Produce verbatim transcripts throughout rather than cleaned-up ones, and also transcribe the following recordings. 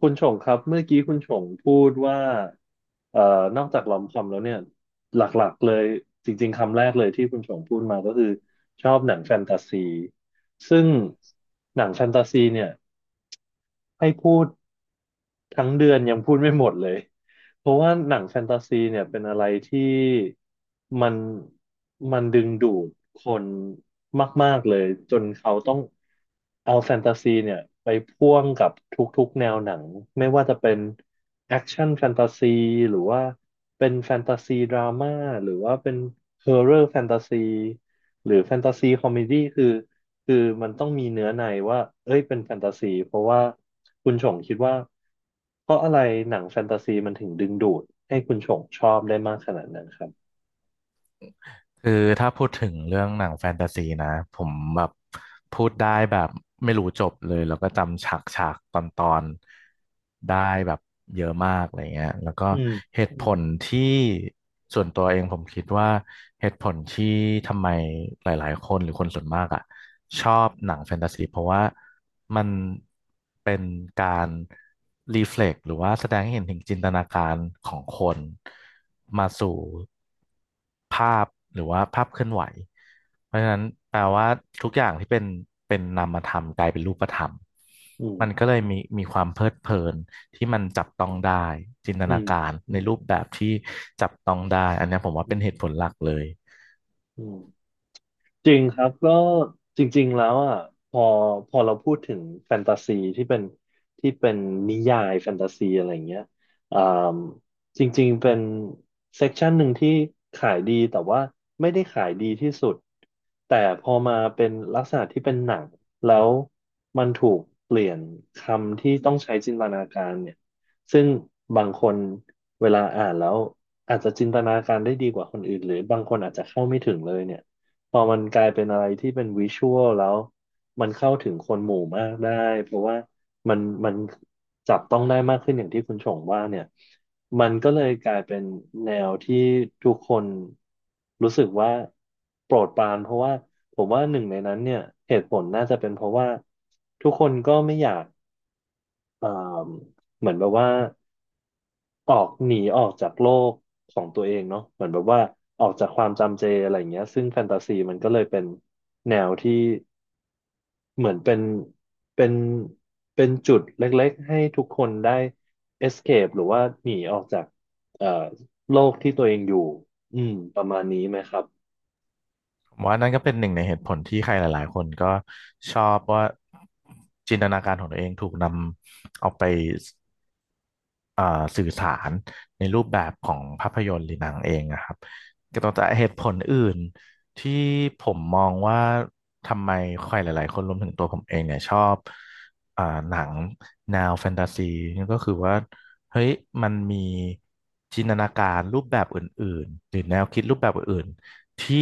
คุณชงครับเมื่อกี้คุณชงพูดว่าเอ่อนอกจากลอมคอมแล้วเนี่ยหลักๆเลยจริงๆคำแรกเลยที่คุณชงพูดมาก็คือชอบหนังแฟนตาซีซึ่งหนังแฟนตาซีเนี่ยให้พูด ทั้งเดือนยังพูดไม่หมดเลย เพราะว่าหนังแฟนตาซีเนี่ยเป็นอะไรที่มันมันดึงดูดคนมากๆเลยจนเขาต้องเอาแฟนตาซีเนี่ยไปพ่วงกับทุกๆแนวหนังไม่ว่าจะเป็นแอคชั่นแฟนตาซีหรือว่าเป็นแฟนตาซีดราม่าหรือว่าเป็นฮอ r ์เรอร์แฟนตาซีหรือแฟนตาซีคอมเมดี้คือ คือมันต้องมีเนื้อในว่าเอ้ยเป็นแฟนตาซี เพราะว่าคุณชงคิดว่าเพราะอะไรหนังแฟนตาซีมันถึงดึงดูดให้คุณชงชอบได้มากขนาดนั้นครับคือถ้าพูดถึงเรื่องหนังแฟนตาซีนะผมแบบพูดได้แบบไม่รู้จบเลยแล้วก็จำฉากฉากตอนตอนๆได้แบบเยอะมากอะไรเงี้ยแล้วก็อืมเหตุผลที่ส่วนตัวเองผมคิดว่าเหตุผลที่ทำไมหลายๆคนหรือคนส่วนมากอ่ะชอบหนังแฟนตาซีเพราะว่ามันเป็นการรีเฟล็กหรือว่าแสดงให้เห็นถึงจินตนาการของคนมาสู่ ภาพหรือว่าภาพเคลื่อนไหวเพราะฉะนั้นแปลว่าทุกอย่างที่เป็นเป็นนามธรรมกลายเป็นรูปธรรมอืมมันก็เลยมีมีความเพลิดเพลินที่มันจับต้องได้จินตอืนามการในรูปแบบที่จับต้องได้อันเนี้ยผมว่าอืเป็นเหตุผมลหลักเลยอืม จริงครับก็จริงๆแล้วอ่ะพอพอเราพูดถึงแฟนตาซีที่เป็นที่เป็นนิยายแฟนตาซีอะไรเงี้ยอ่ามจริงๆเป็นเซกชันหนึ่งที่ขายดีแต่ว่าไม่ได้ขายดีที่สุดแต่พอมาเป็นลักษณะที่เป็นหนังแล้วมันถูกเปลี่ยนคำที่ต้องใช้จินตนาการเนี่ยซึ่งบางคนเวลาอ่านแล้วอาจจะจินตนาการได้ดีกว่าคนอื่นหรือบางคนอาจจะเข้าไม่ถึงเลยเนี่ย พอมันกลายเป็นอะไรที่เป็นวิชวลแล้วมันเข้าถึงคนหมู่มากได้เพราะว่ามันมันจับต้องได้มากขึ้นอย่างที่คุณชงว่าเนี่ยมันก็เลยกลายเป็นแนวที่ทุกคนรู้สึกว่าโปรดปรานเพราะว่าผมว่าหนึ่งในนั้นเนี่ยเหตุผลน่าจะเป็นเพราะว่าทุกคนก็ไม่อยากเอ่อเหมือนแบบว่า ออกหนีออกจากโลกของตัวเองเนาะเหมือนแบบว่าออกจากความจำเจอะไรอย่างเงี้ยซึ่งแฟนตาซีมันก็เลยเป็นแนวที่เหมือนเป็นเป็นเป็นจุดเล็กๆให้ทุกคนได้ escape หรือว่าหนีออกจากเอ่อโลกที่ตัวเองอยู่อืมประมาณนี้ไหมครับผมว่านั่นก็เป็นหนึ่งในเหตุผลที่ใครหลายๆคนก็ชอบว่าจินตนาการของตัวเองถูกนำเอาไป เอ่อสื่อสารในรูปแบบของภาพยนตร์หรือหนังเองนะครับก็ต้องแต่เหตุผลอื่นที่ผมมองว่าทำไมใครหลายๆคนรวมถึงตัวผมเองเนี่ยชอบอ่าหนังแนวแฟนตาซีนี่ก็คือว่าเฮ้ยมันมีจินตนาการรูปแบบอื่นๆหรือแนวคิดรูปแบบอื่นๆที่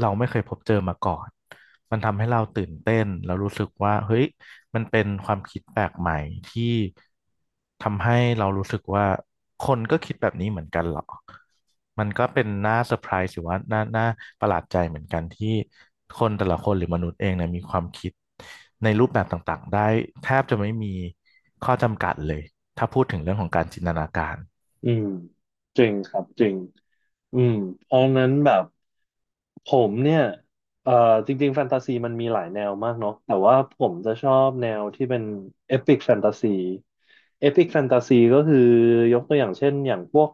เราไม่เคยพบเจอมาก่อนมันทำให้เราตื่นเต้นแล้วรู้สึกว่าเฮ้ย มันเป็นความคิดแปลกใหม่ที่ทำให้เรารู้สึกว่าคนก็คิดแบบนี้เหมือนกันเหรอมันก็เป็นน่าเซอร์ไพรส์หรือว่าน่าน่าประหลาดใจเหมือนกันที่คนแต่ละคนหรือมนุษย์เองเนี่ยมีความคิดในรูปแบบต่างๆได้แทบจะไม่มีข้อจำกัดเลย ถ้าพูดถึงเรื่องของการจินตนาการอืมจริงครับจริงอืมเพราะงั้นแบบ ผมเนี่ยเอ่อจริงๆแฟนตาซีมันมีหลายแนวมากเนาะแต่ว่าผมจะชอบแนวที่เป็นเอพิกแฟนตาซีเอพิกแฟนตาซีก็คือยกตัวอย่างเช่นอย่างพวก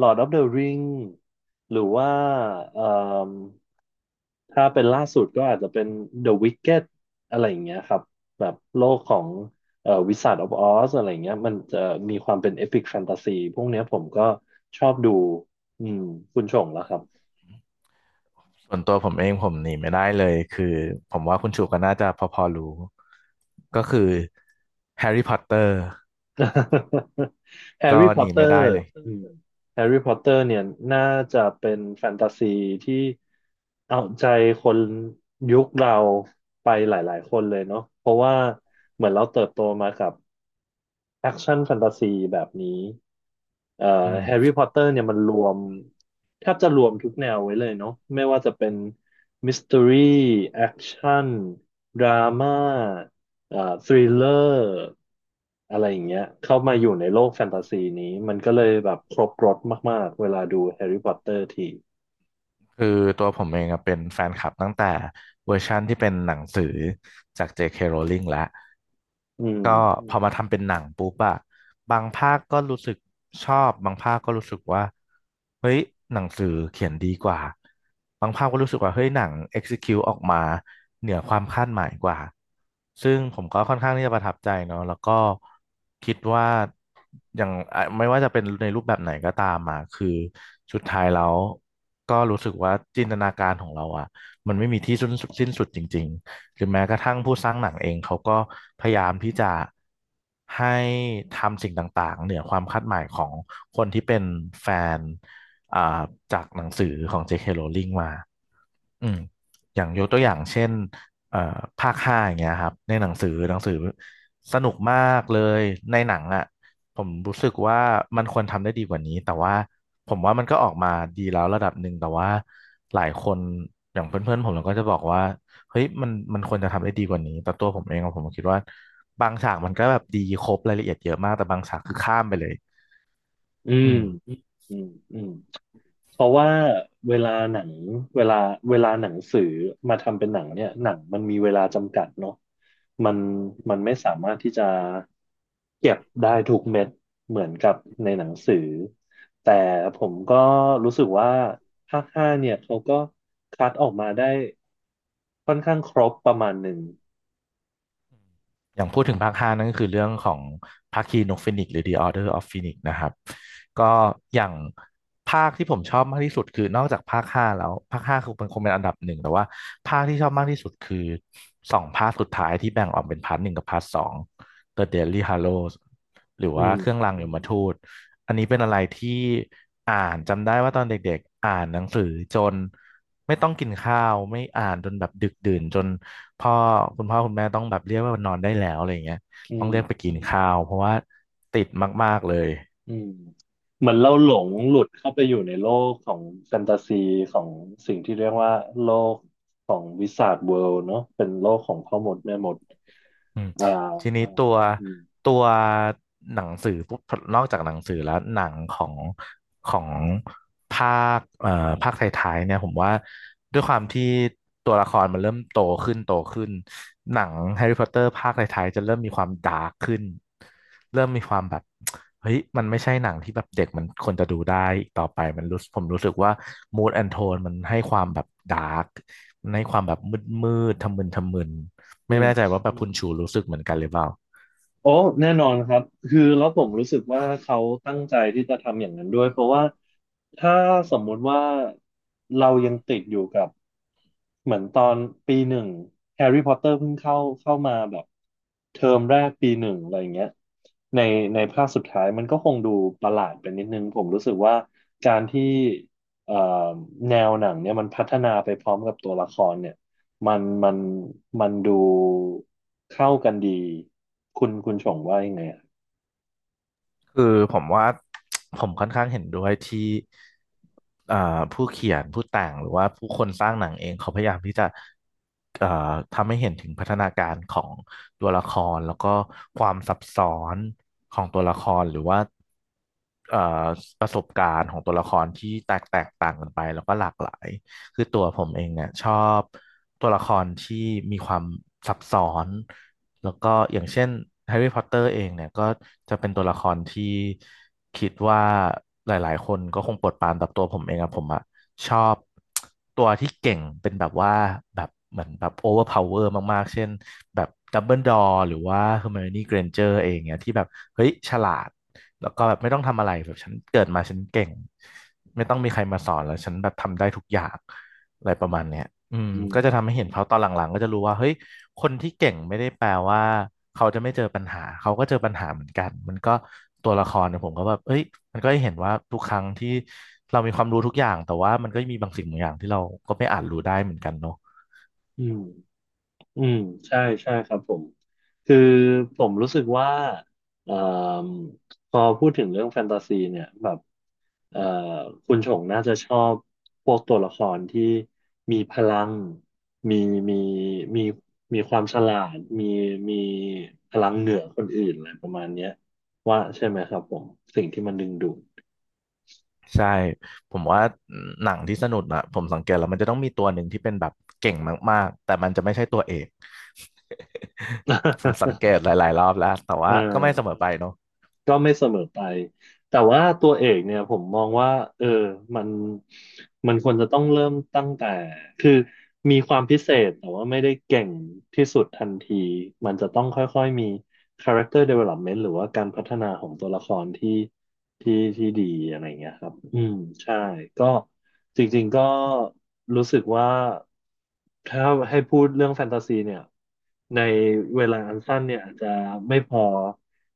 Lord of the Ring หรือว่าเอ่มถ้าเป็นล่าสุดก็อาจจะเป็น The Wicked อะไรอย่างเงี้ยครับ แบบโลกของเอ่อ Wizard of Oz อะไรอย่างเงี้ยมันจะมีความเป็นเอพิกแฟนตาซีพวกเนี้ยผมก็ชอบดูอืมคุณชงแล้วครับ ส่วนตัวผมเองผมหนีไม่ได้เลยคือผมว่าคุณชูก็น่าจะพอๆรู้ก็คือแฮร์รี่พอตเตอร์ แฮร์ก็รี่พหอตนีเตอไม่แฮร์ร์ได้รี่เลพอยตเตอรอืม์แฮร์รี่พอตเตอร์เนี่ยน่าจะเป็นแฟนตาซีที่เอาใจคนยุคเราไปหลายๆคนเลยเนาะเพราะว่าเหมือนเราเติบโตมากับแอคชั่นแฟนตาซีแบบนี้เอ่ออืม แฮร์รี่พอตเตอร์เนี่ยมันรวมแทบจะรวมทุกแนวไว้เลยเนาะไม่ว่าจะเป็นมิส t ต r รีแอคชั่นดราม่าเอ่อทริลเลอร์ อะไรอย่างเงี้ยเข้ามาอยู่ในโลกแฟนตาซีนี้มันก็เลยแบบครบรสมากๆเวลาดูแฮร์รี่พอตเตอร์ทีคือตัวผมเองอะเป็นแฟนคลับตั้งแต่เวอร์ชั่นที่เป็นหนังสือจาก เจ เค. Rowling แล้ว อืมก็อืพอมมาทำเป็นหนังปุ๊บอะบางภาคก็รู้สึกชอบบางภาคก็รู้สึกว่าเฮ้ยหนังสือเขียนดีกว่าบางภาคก็รู้สึกว่าเฮ้ยหนัง execute ออกมาเหนือความคาดหมายกว่าซึ่งผมก็ค่อนข้างที่จะประทับใจเนาะแล้วก็คิดว่าอย่างอ่ะไม่ว่าจะเป็นในรูปแบบไหนก็ตามอะคือสุดท้ายแล้วก็รู้สึกว่าจินตนาการของเราอะมันไม่มีที่สิ้นสุดสิ้นสุดจริง หรือแม้กระทั่งผู้สร้างหนังเองเขาก็พยายามที่จะให้ทำสิ่งต่างๆเหนือความคาดหมายของคนที่เป็นแฟนอ่าจากหนังสือของ เจ เค Rowling มา อืมอย่างยกตัวอย่างเช่นเอ่อภาคห้าอย่างเงี้ยครับในหนังสือหนังสือสนุกมากเลยในหนังอ่ะผมรู้สึกว่ามันควรทำได้ดีกว่านี้แต่ว่าผมว่ามันก็ออกมาดีแล้วระดับหนึ่งแต่ว่าหลายคนอย่างเพื่อนๆผมเราก็จะบอกว่าเฮ้ยมันมันควรจะทำได้ดีกว่านี้แต่ตัวผมเองอะผมคิดว่าบางฉากมันก็แบบดีครบรายละเอียดเยอะมากแต่บางฉากคือข้ามไปเลยอือืมม อืมอืมเพราะว่าเวลาหนังเวลาเวลาหนังสือมาทำเป็นหนังเนี่ยหนังมันมีเวลาจำกัดเนาะมันมันไม่สามารถที่จะเก็บได้ทุกเม็ดเหมือนกับในหนังสือแต่ผมก็รู้สึกว่าภาคห้าเนี่ยเขาก็คัดออกมาได้ค่อนข้างครบประมาณหนึ่ง อย่างพูดถึงภาคห้านั่นก็คือเรื่องของภาคีนกฟีนิกซ์หรือ The Order of Phoenix นะครับก็อย่างภาคที่ผมชอบมากที่สุดคือนอกจากภาคห้าแล้วภาคห้าคือมันคงเป็นอันดับหนึ่งแต่ว่าภาคที่ชอบมากที่สุดคือสองภาคสุดท้ายที่แบ่งออกเป็นพาร์ทหนึ่งกับพาร์ทสอง The Deathly Hallows หรืออืว่ามเครื่องรางยมทูตอันนี้เป็นอะไรที่อ่านจำได้ว่าตอนเด็กๆอ่านหนังสือจนไม่ต้องกินข้าวไม่อ่านจนแบบดึกดื่นจน พ่อคุณพ่อคุณแม่ต้องแบบเรียกว่านอนได้แล้วอะไรอย่างเงี้ยอืต้องเรียกไปมกินข้าวเพราะว่าติดมากๆเลย อืมเหมือนเราหลงหลุดเข้าไปอยู่ในโลกของแฟนตาซีของสิ่งที่เรียกว่าโลกของวิสาทเวิลด์เนาะเป็นโลกของพ่อมดแม่มดอืมอ่าทีนี้อืมตัวอืมตัวหนังสือปุ๊บนอกจากหนังสือแล้วหนังของของภาคเอ่อภาคท้ายๆเนี่ยผมว่าด้วยความที่ตัวละครมันเริ่มโตขึ้นโตขึ้นหนังแฮร์รี่พอตเตอร์ภาคท้ายๆจะเริ่มมีความดาร์กขึ้นเริ่มมีความแบบเฮ้ยมันไม่ใช่หนังที่แบบเด็กมันควรจะดูได้อีกต่อไปมันรู้ผมรู้สึกว่า mood and tone มันให้ความแบบดาร์กให้ความแบบมืดมืดทำมึนทำมึน อืไม่แน่ใจม ว่าแบบคุณชูรู้สึกเหมือนกันหรือเปล่าโอ้แน่นอนครับคือแล้วผมรู้สึกว่าเขาตั้งใจที่จะทำอย่างนั้นด้วยเพราะว่าถ้าสมมุติว่าเรายังติดอยู่กับเหมือนตอนปีหนึ่งแฮร์รี่พอตเตอร์เพิ่งเข้าเข้ามาแบบเทอมแรกปีหนึ่งอะไรอย่างเงี้ยในในภาคสุดท้ายมันก็คงดูประหลาดไปนิดนึงผมรู้สึกว่าการที่เอ่อแนวหนังเนี่ยมันพัฒนาไปพร้อมกับตัวละครเนี่ยมันมันมันดู เข้ากันดีคุณคุณชงว่ายังไงอะคือผมว่า ผมค่อนข้างเห็นด้วยที่อ่าผู้เขียนผู้แต่งหรือว่าผู้คนสร้างหนังเองเขาพยายามที่จะเอ่อทำให้เห็นถึงพัฒนาการของตัวละครแล้วก็ความซับซ้อนของตัวละครหรือว่าเอ่อประสบการณ์ของตัวละครที่แตกแตกต่างกันไปแล้วก็หลากหลาย คือตัวผมเองเนี่ยชอบตัวละครที่มีความซับซ้อนแล้วก็อย่างเช่นแฮร์รี่พอตเตอร์เองเนี่ยก็จะเป็นตัวละครที่คิดว่าหลายๆคนก็คงปวดปานแบบตัวผมเองอะผมอะชอบตัวที่เก่งเป็นแบบว่าแบบเหมือนแบบโอเวอร์พาวเวอร์มากๆ เช่นแบบดัมเบิลดอร์หรือว่าเฮอร์ไมโอนี่เกรนเจอร์เองเนี่ยที่แบบเฮ้ยฉลาด แล้วก็แบบไม่ต้องทำอะไรแบบฉันเกิดมาฉันเก่งไม่ต้องมีใครมาสอนแล้วฉันแบบทำได้ทุกอย่างอะไรประมาณเนี้ยอืมอืก็จะทำมให้เห็นเขาตอนหลังๆก็จะรู้ว่าเฮ้ยคนที่เก่งไม่ได้แปลว่าเขาจะไม่เจอปัญหาเขาก็เจอปัญหาเหมือนกันมันก็ตัวละครเนี่ยผมก็แบบเอ้ยมันก็ได้เห็นว่าทุกครั้งที่เรามีความรู้ทุกอย่างแต่ว่ามันก็มีบางสิ่งบางอย่างที่เราก็ไม่อาจรู้ได้เหมือนกันเนาะอืมอืมใช่ใช่ครับผมคือผมรู้สึกว่าเอ่มพอพูดถึงเรื่องแฟนตาซีเนี่ยแบบเอ่อคุณชงน่าจะชอบพวกตัวละครที่มีพลังมีมีมีมีความฉลาดมีมีพลังเหนือคนอื่นอะไรประมาณเนี้ยว่าใช่ไหมครับผมสิ่งที่มันดึงดูด ใช่ผมว่าหนังที่สนุกอะผมสังเกตแล้วมันจะต้องมีตัวหนึ่งที่เป็นแบบเก่งมากๆแต่มันจะไม่ใช่ตัวเอก ผมสังเกตหลายๆรอบแล้วแต่ เว่าก็ไม่เสมออ อไปเนาะก็ไม่เสมอไป แต่ว่าตัวเอกเนี่ยผมมองว่าเออมันมันควรจะต้องเริ่มตั้งแต่คือ มีความพิเศษแต่ว่าไม่ได้เก่งที่สุดทันทีมันจะต้องค่อยๆมี character development หรือว่าการพัฒนาของตัวละครที่ที่ที่ดีอะไรเงี้ยครับอืมใช่ก็จริงๆก็รู้สึกว่าถ้าให้พูดเรื่องแฟนตาซีเนี่ยในเวลาอันสั้นเนี่ยอาจจะไม่พอ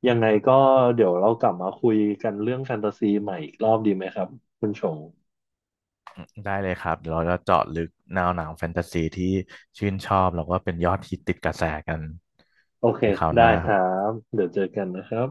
ยังไงก็เดี๋ยวเรากลับมาคุยกันเรื่องแฟนตาซีใหม่อีกรอบดีไหมครับคุณชง ได้เลยครับเดี๋ยวเราจะเจาะลึกแนวหนังแฟนตาซีที่ชื่นชอบแล้วก็เป็นยอดฮิตติดกระแสกันโอเค ในคราวหได้น้าคครัรับบ เดี๋ยวเจอกันนะครับ